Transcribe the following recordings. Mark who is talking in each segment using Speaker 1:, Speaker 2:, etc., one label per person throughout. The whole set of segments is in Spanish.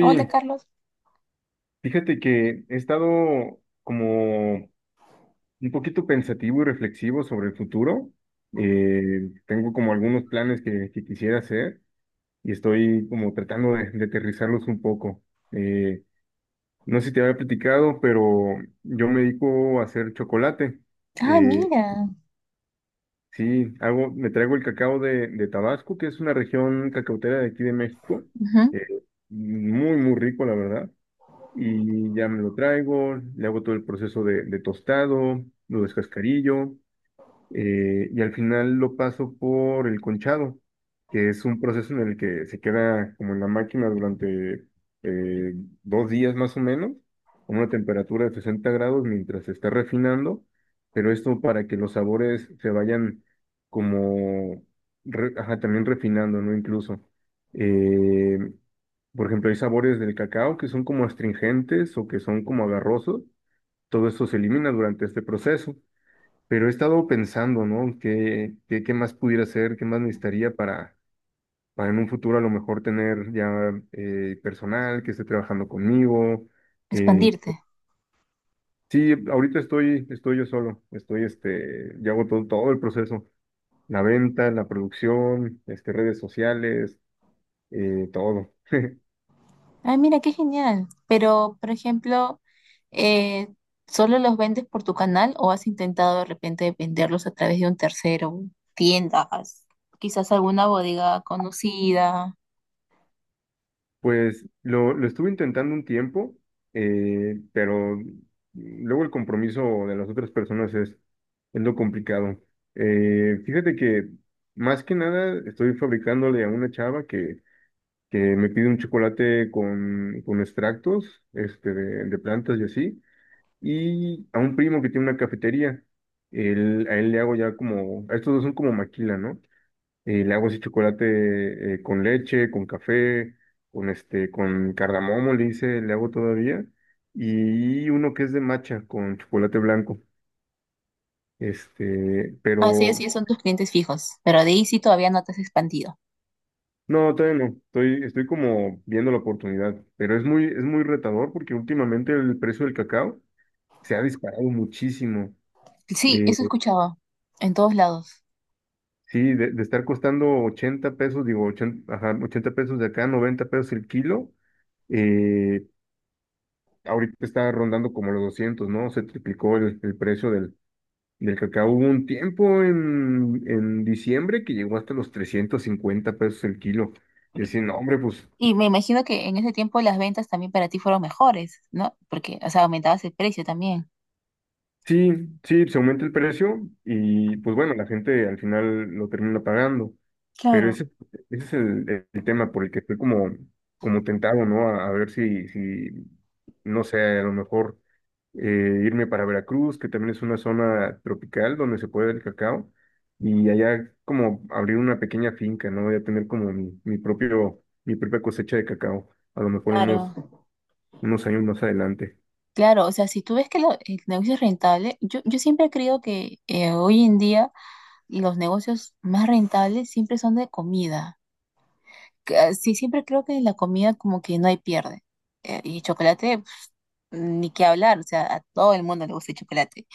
Speaker 1: Hola, Carlos.
Speaker 2: fíjate que he estado como un poquito pensativo y reflexivo sobre el futuro. Tengo como algunos planes que quisiera hacer y estoy como tratando de aterrizarlos un poco. Eh, no sé si te había platicado, pero yo me dedico a hacer chocolate.
Speaker 1: Ah,
Speaker 2: Eh,
Speaker 1: mira,
Speaker 2: sí, hago, me traigo el cacao de Tabasco, que es una región cacautera de aquí de México.
Speaker 1: ujú,
Speaker 2: Eh, Muy, muy rico, la verdad. Y ya me lo traigo, le hago todo el proceso de tostado, lo descascarillo, y al final lo paso por el conchado, que es un proceso en el que se queda como en la máquina durante eh, 2 días más o menos, a una temperatura de 60 grados mientras se está refinando, pero esto para que los sabores se vayan como, ajá, también refinando, ¿no? Incluso. eh, por ejemplo, hay sabores del cacao que son como astringentes o que son como agarrosos. Todo esto se elimina durante este proceso. Pero he estado pensando, ¿no? ¿Qué más pudiera hacer? ¿Qué más
Speaker 1: Ujú.
Speaker 2: necesitaría para en un futuro a lo mejor tener ya personal que esté trabajando conmigo? Eh,
Speaker 1: Expandirte.
Speaker 2: sí, ahorita estoy, estoy yo solo. Estoy, este, yo hago todo, todo el proceso. La venta, la producción, este, redes sociales, todo.
Speaker 1: Ah, mira, qué genial. Pero, por ejemplo, eh, ¿solo los vendes por tu canal o has intentado de repente venderlos a través de un tercero, tiendas, quizás alguna bodega conocida?
Speaker 2: Pues lo estuve intentando un tiempo, pero luego el compromiso de las otras personas es lo complicado. Fíjate que más que nada estoy fabricándole a una chava que me pide un chocolate con extractos este, de plantas y así, y a un primo que tiene una cafetería. A él le hago ya como, a estos dos son como maquila, ¿no? Y le hago ese chocolate con leche, con café, con este, con cardamomo, le hice, le hago todavía. Y uno que es de matcha con chocolate blanco. Este,
Speaker 1: Ah, sí,
Speaker 2: pero
Speaker 1: así son tus clientes fijos, pero de ahí sí todavía no te has expandido.
Speaker 2: no, todavía no. Estoy, estoy como viendo la oportunidad. Pero es muy retador porque últimamente el precio del cacao se ha disparado muchísimo.
Speaker 1: Sí,
Speaker 2: Eh,
Speaker 1: eso escuchaba en todos lados.
Speaker 2: sí, de estar costando 80 pesos, digo, 80 ajá, 80 pesos de acá, 90 pesos el kilo. eh, Ahorita está rondando como los 200, ¿no? Se triplicó el precio del, del cacao. Hubo un tiempo en diciembre que llegó hasta los 350 pesos el kilo. Y así, no, hombre, pues
Speaker 1: Y me imagino que en ese tiempo las ventas también para ti fueron mejores, ¿no? Porque, o sea, aumentabas el precio también.
Speaker 2: sí, sí, se aumenta el precio y pues bueno, la gente al final lo termina pagando, pero
Speaker 1: Claro,
Speaker 2: ese es el tema por el que estoy como, como tentado, ¿no? A ver si, si, no sé, a lo mejor irme para Veracruz, que también es una zona tropical donde se puede el cacao, y allá como abrir una pequeña finca, ¿no? Voy a tener como mi propio, mi propia cosecha de cacao, a lo mejor unos,
Speaker 1: claro.
Speaker 2: unos años más adelante.
Speaker 1: Claro, o sea, si tú ves que el negocio es rentable, yo siempre creo que hoy en día los negocios más rentables siempre son de comida. Que, ah, sí, siempre creo que la comida como que no hay pierde. Y chocolate, pf, ni qué hablar, o sea, a todo el mundo le gusta el chocolate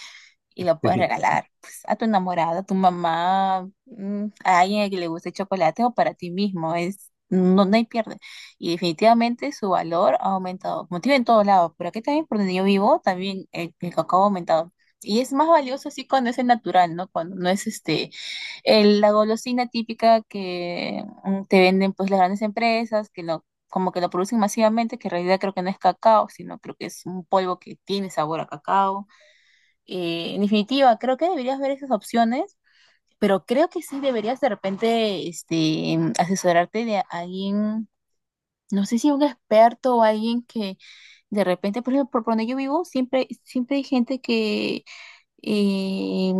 Speaker 1: y lo puedes
Speaker 2: Sí.
Speaker 1: regalar pues, a tu enamorada, a tu mamá, a alguien a que le guste el chocolate o para ti mismo. Es, no, no hay pierde. Y definitivamente su valor ha aumentado, como te digo, en todos lados. Pero aquí también, por donde yo vivo, también el cacao ha aumentado. Y es más valioso así cuando es el natural, ¿no? Cuando no es este, la golosina típica que te venden pues las grandes empresas, como que lo producen masivamente, que en realidad creo que no es cacao, sino creo que es un polvo que tiene sabor a cacao. En definitiva, creo que deberías ver esas opciones, pero creo que sí deberías de repente asesorarte de alguien no sé si un experto o alguien que de repente, por ejemplo, por donde yo vivo, siempre, siempre hay gente que eh,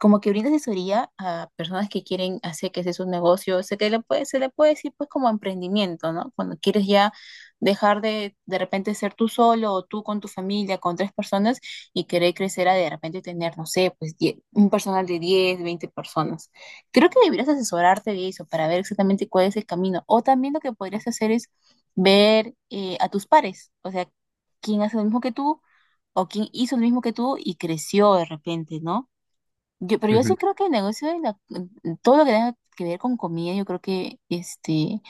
Speaker 1: como que brinda asesoría a personas que quieren hacer que sea su negocio. Se le puede decir pues como emprendimiento, ¿no? Cuando quieres ya dejar de repente ser tú solo o tú con tu familia, con tres personas y querer crecer a de repente tener, no sé, pues un personal de 10 20 personas. Creo que deberías asesorarte de eso para ver exactamente cuál es el camino. O también lo que podrías hacer es ver a tus pares, o sea, quién hace lo mismo que tú o quién hizo lo mismo que tú y creció de repente, ¿no? Pero yo
Speaker 2: Ujú.
Speaker 1: sí creo que el negocio todo lo que tenga que ver con comida, yo creo que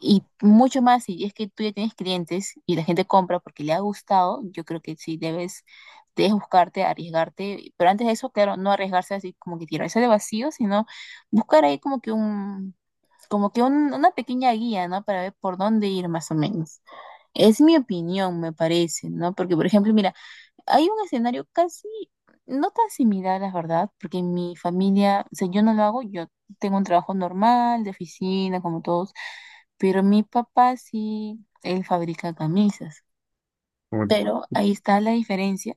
Speaker 1: y mucho más, si es que tú ya tienes clientes y la gente compra porque le ha gustado, yo creo que sí debes buscarte, arriesgarte. Pero antes de eso, claro, no arriesgarse así como que tirarse de vacío, sino buscar ahí como que un, una pequeña guía, ¿no? Para ver por dónde ir más o menos. Es mi opinión, me parece, ¿no? Porque, por ejemplo, mira, hay un escenario casi, no tan similar, la verdad, porque en mi familia, o sea, yo no lo hago, yo tengo un trabajo normal, de oficina, como todos, pero mi papá sí, él fabrica camisas. Pero ahí está la diferencia,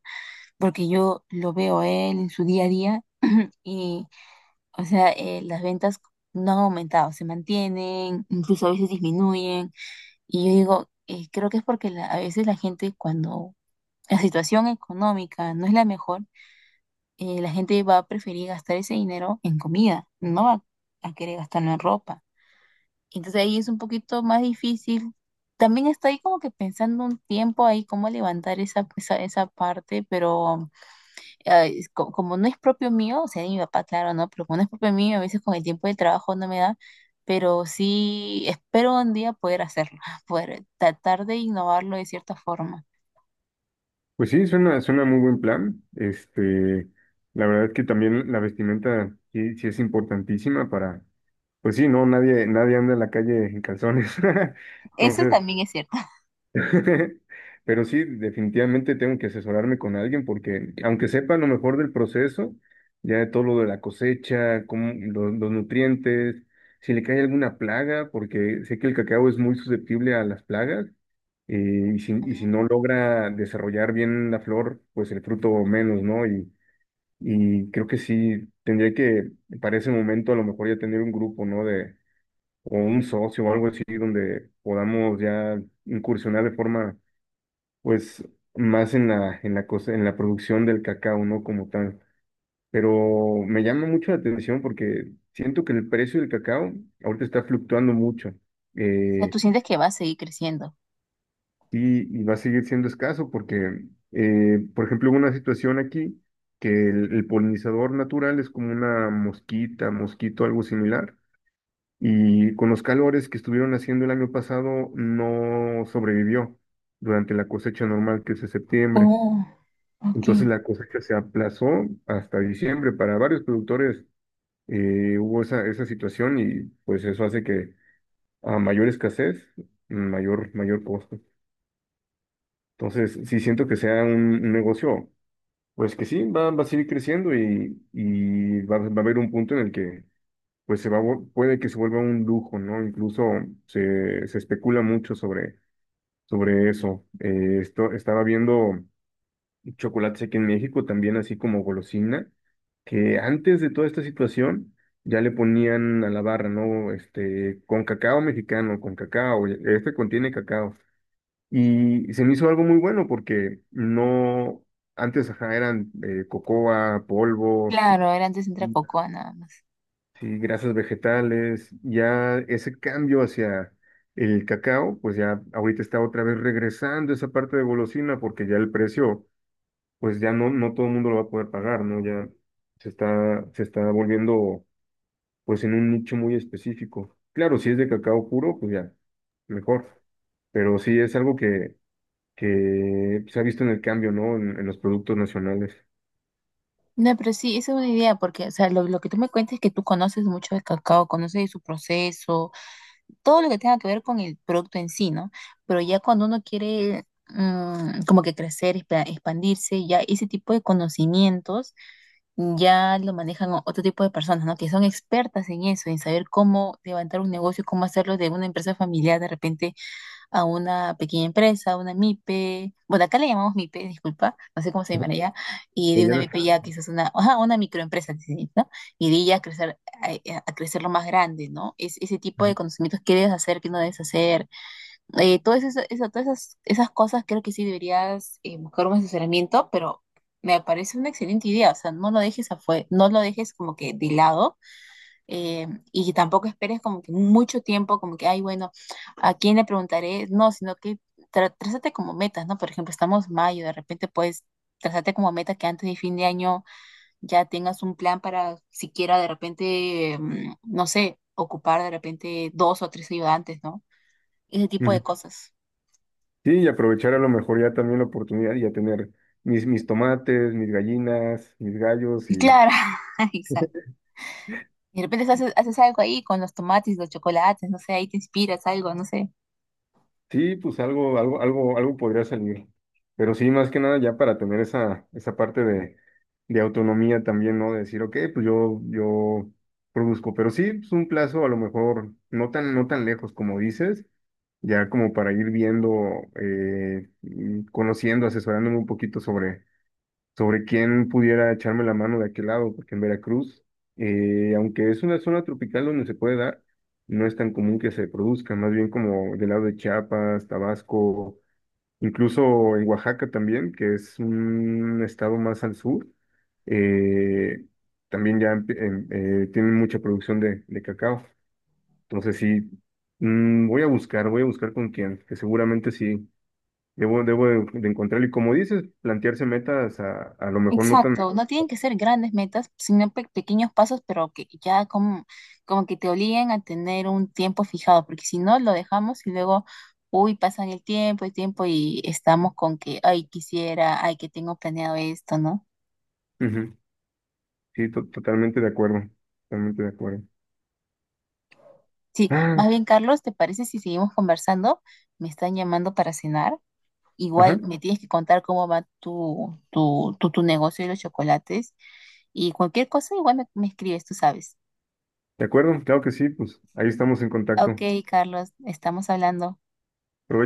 Speaker 1: porque yo lo veo a él en su día a día y, o sea, las ventas no han aumentado, se mantienen, incluso a veces disminuyen. Y yo digo, creo que es porque a veces la gente cuando la situación económica no es la mejor, la gente va a preferir gastar ese dinero en comida, no va a querer gastarlo en ropa. Entonces ahí es un poquito más difícil. También estoy como que pensando un tiempo ahí cómo levantar esa parte, pero es como no es propio mío, o sea, de mi papá, claro, ¿no? Pero como no es propio mío, a veces con el tiempo de trabajo no me da, pero sí espero un día poder hacerlo, poder tratar de innovarlo de cierta forma.
Speaker 2: Pues sí, suena, suena muy buen plan. Este, la verdad es que también la vestimenta sí, sí es importantísima para, pues sí, no, nadie, nadie anda en la calle en calzones.
Speaker 1: Eso
Speaker 2: Entonces,
Speaker 1: también es cierto.
Speaker 2: pero sí, definitivamente tengo que asesorarme con alguien porque aunque sepa lo mejor del proceso, ya de todo lo de la cosecha, los nutrientes, si le cae alguna plaga, porque sé que el cacao es muy susceptible a las plagas y si no logra desarrollar bien la flor, pues el fruto menos, ¿no? Y creo que sí, tendría que, para ese momento, a lo mejor ya tener un grupo, ¿no? De, o un socio o algo así, donde podamos ya incursionar de forma pues más en la cosa, en la producción del cacao, no como tal. Pero me llama mucho la atención porque siento que el precio del cacao ahorita está fluctuando mucho
Speaker 1: O sea,
Speaker 2: eh,
Speaker 1: tú sientes que va a seguir creciendo.
Speaker 2: y va a seguir siendo escaso porque, por ejemplo, hubo una situación aquí que el polinizador natural es como una mosquita, mosquito, algo similar. Y con los calores que estuvieron haciendo el año pasado, no sobrevivió durante la cosecha normal que es de septiembre.
Speaker 1: Oh,
Speaker 2: Entonces
Speaker 1: ok.
Speaker 2: la cosecha se aplazó hasta diciembre. Para varios productores hubo esa, esa situación y pues eso hace que a mayor escasez, mayor, mayor costo. Entonces sí siento que sea un negocio, pues que sí, va, va a seguir creciendo y va, va a haber un punto en el que pues se va, puede que se vuelva un lujo, ¿no? Incluso se, se especula mucho sobre, sobre eso. Esto, estaba viendo chocolates aquí en México, también así como golosina, que antes de toda esta situación ya le ponían a la barra, ¿no? Este, con cacao mexicano, con cacao, este contiene cacao. Y se me hizo algo muy bueno porque no, antes ajá, eran cocoa, polvo,
Speaker 1: Claro, era antes entra cocoa nada más.
Speaker 2: sí, grasas vegetales, ya ese cambio hacia el cacao, pues ya ahorita está otra vez regresando esa parte de golosina porque ya el precio pues ya no, no todo el mundo lo va a poder pagar, ¿no? Ya se está volviendo pues en un nicho muy específico. Claro, si es de cacao puro, pues ya, mejor. Pero sí es algo que se ha visto en el cambio, ¿no? En los productos nacionales.
Speaker 1: No, pero sí, esa es una idea, porque, o sea, lo que tú me cuentas es que tú conoces mucho de cacao, conoces de su proceso, todo lo que tenga que ver con el producto en sí, ¿no? Pero ya cuando uno quiere como que crecer, expandirse, ya ese tipo de conocimientos ya lo manejan otro tipo de personas, ¿no? Que son expertas en eso, en saber cómo levantar un negocio, cómo hacerlo de una empresa familiar de repente a una pequeña empresa, una MIPE, bueno, acá le llamamos MIPE, disculpa, no sé cómo se llaman
Speaker 2: Ujú.
Speaker 1: allá, y de
Speaker 2: Pues ya
Speaker 1: una
Speaker 2: no.
Speaker 1: MIPE ya quizás una, ajá, una microempresa, sí, ¿no? Y de ella crecer, a crecer lo más grande, ¿no? Es, ese tipo de conocimientos, qué debes hacer, qué no debes hacer, todo eso, todas esas cosas creo que sí deberías buscar un asesoramiento, pero me parece una excelente idea, o sea, no lo dejes afuera, no lo dejes como que de lado, y tampoco esperes como que mucho tiempo, como que, ay, bueno, ¿a quién le preguntaré? No, sino que trázate como metas, ¿no? Por ejemplo, estamos mayo, de repente puedes trázate como meta que antes de fin de año ya tengas un plan para siquiera de repente, no sé, ocupar de repente dos o tres ayudantes, ¿no? Ese tipo
Speaker 2: Ujú.
Speaker 1: de cosas.
Speaker 2: Sí, y aprovechar a lo mejor ya también la oportunidad y ya tener mis, mis tomates, mis gallinas, mis gallos.
Speaker 1: Claro, exacto. De repente haces algo ahí con los tomates, los chocolates, no sé, ahí te inspiras algo, no sé.
Speaker 2: Sí, pues algo, algo, algo, algo podría salir. Pero sí, más que nada ya para tener esa, esa parte de autonomía también, ¿no? De decir, ok, pues yo produzco. Pero sí, pues un plazo a lo mejor no tan, no tan lejos como dices, ya como para ir viendo, y conociendo, asesorándome un poquito sobre, sobre quién pudiera echarme la mano de aquel lado, porque en Veracruz, aunque es una zona tropical donde se puede dar, no es tan común que se produzca, más bien como del lado de Chiapas, Tabasco, incluso en Oaxaca también, que es un estado más al sur, eh, también ya tienen mucha producción de cacao. Entonces sí, mm, voy a buscar con quién, que seguramente sí. Debo, debo de encontrar, y como dices, plantearse metas a lo mejor no tan
Speaker 1: Exacto, no tienen que ser grandes metas, sino pequeños pasos, pero que ya como que te obliguen a tener un tiempo fijado, porque si no lo dejamos y luego, uy, pasan el tiempo y estamos con que, ay, quisiera, ay, que tengo planeado esto, ¿no?
Speaker 2: Ujú, sí, totalmente de acuerdo, totalmente de acuerdo.
Speaker 1: Sí,
Speaker 2: Ah,
Speaker 1: más bien, Carlos, ¿te parece si seguimos conversando? Me están llamando para cenar. Igual
Speaker 2: ajá,
Speaker 1: me tienes que contar cómo va tu negocio de los chocolates y cualquier cosa, igual me escribes, tú sabes.
Speaker 2: de acuerdo, claro que sí, pues ahí estamos en
Speaker 1: Ok,
Speaker 2: contacto.
Speaker 1: Carlos, estamos hablando.
Speaker 2: Provecho.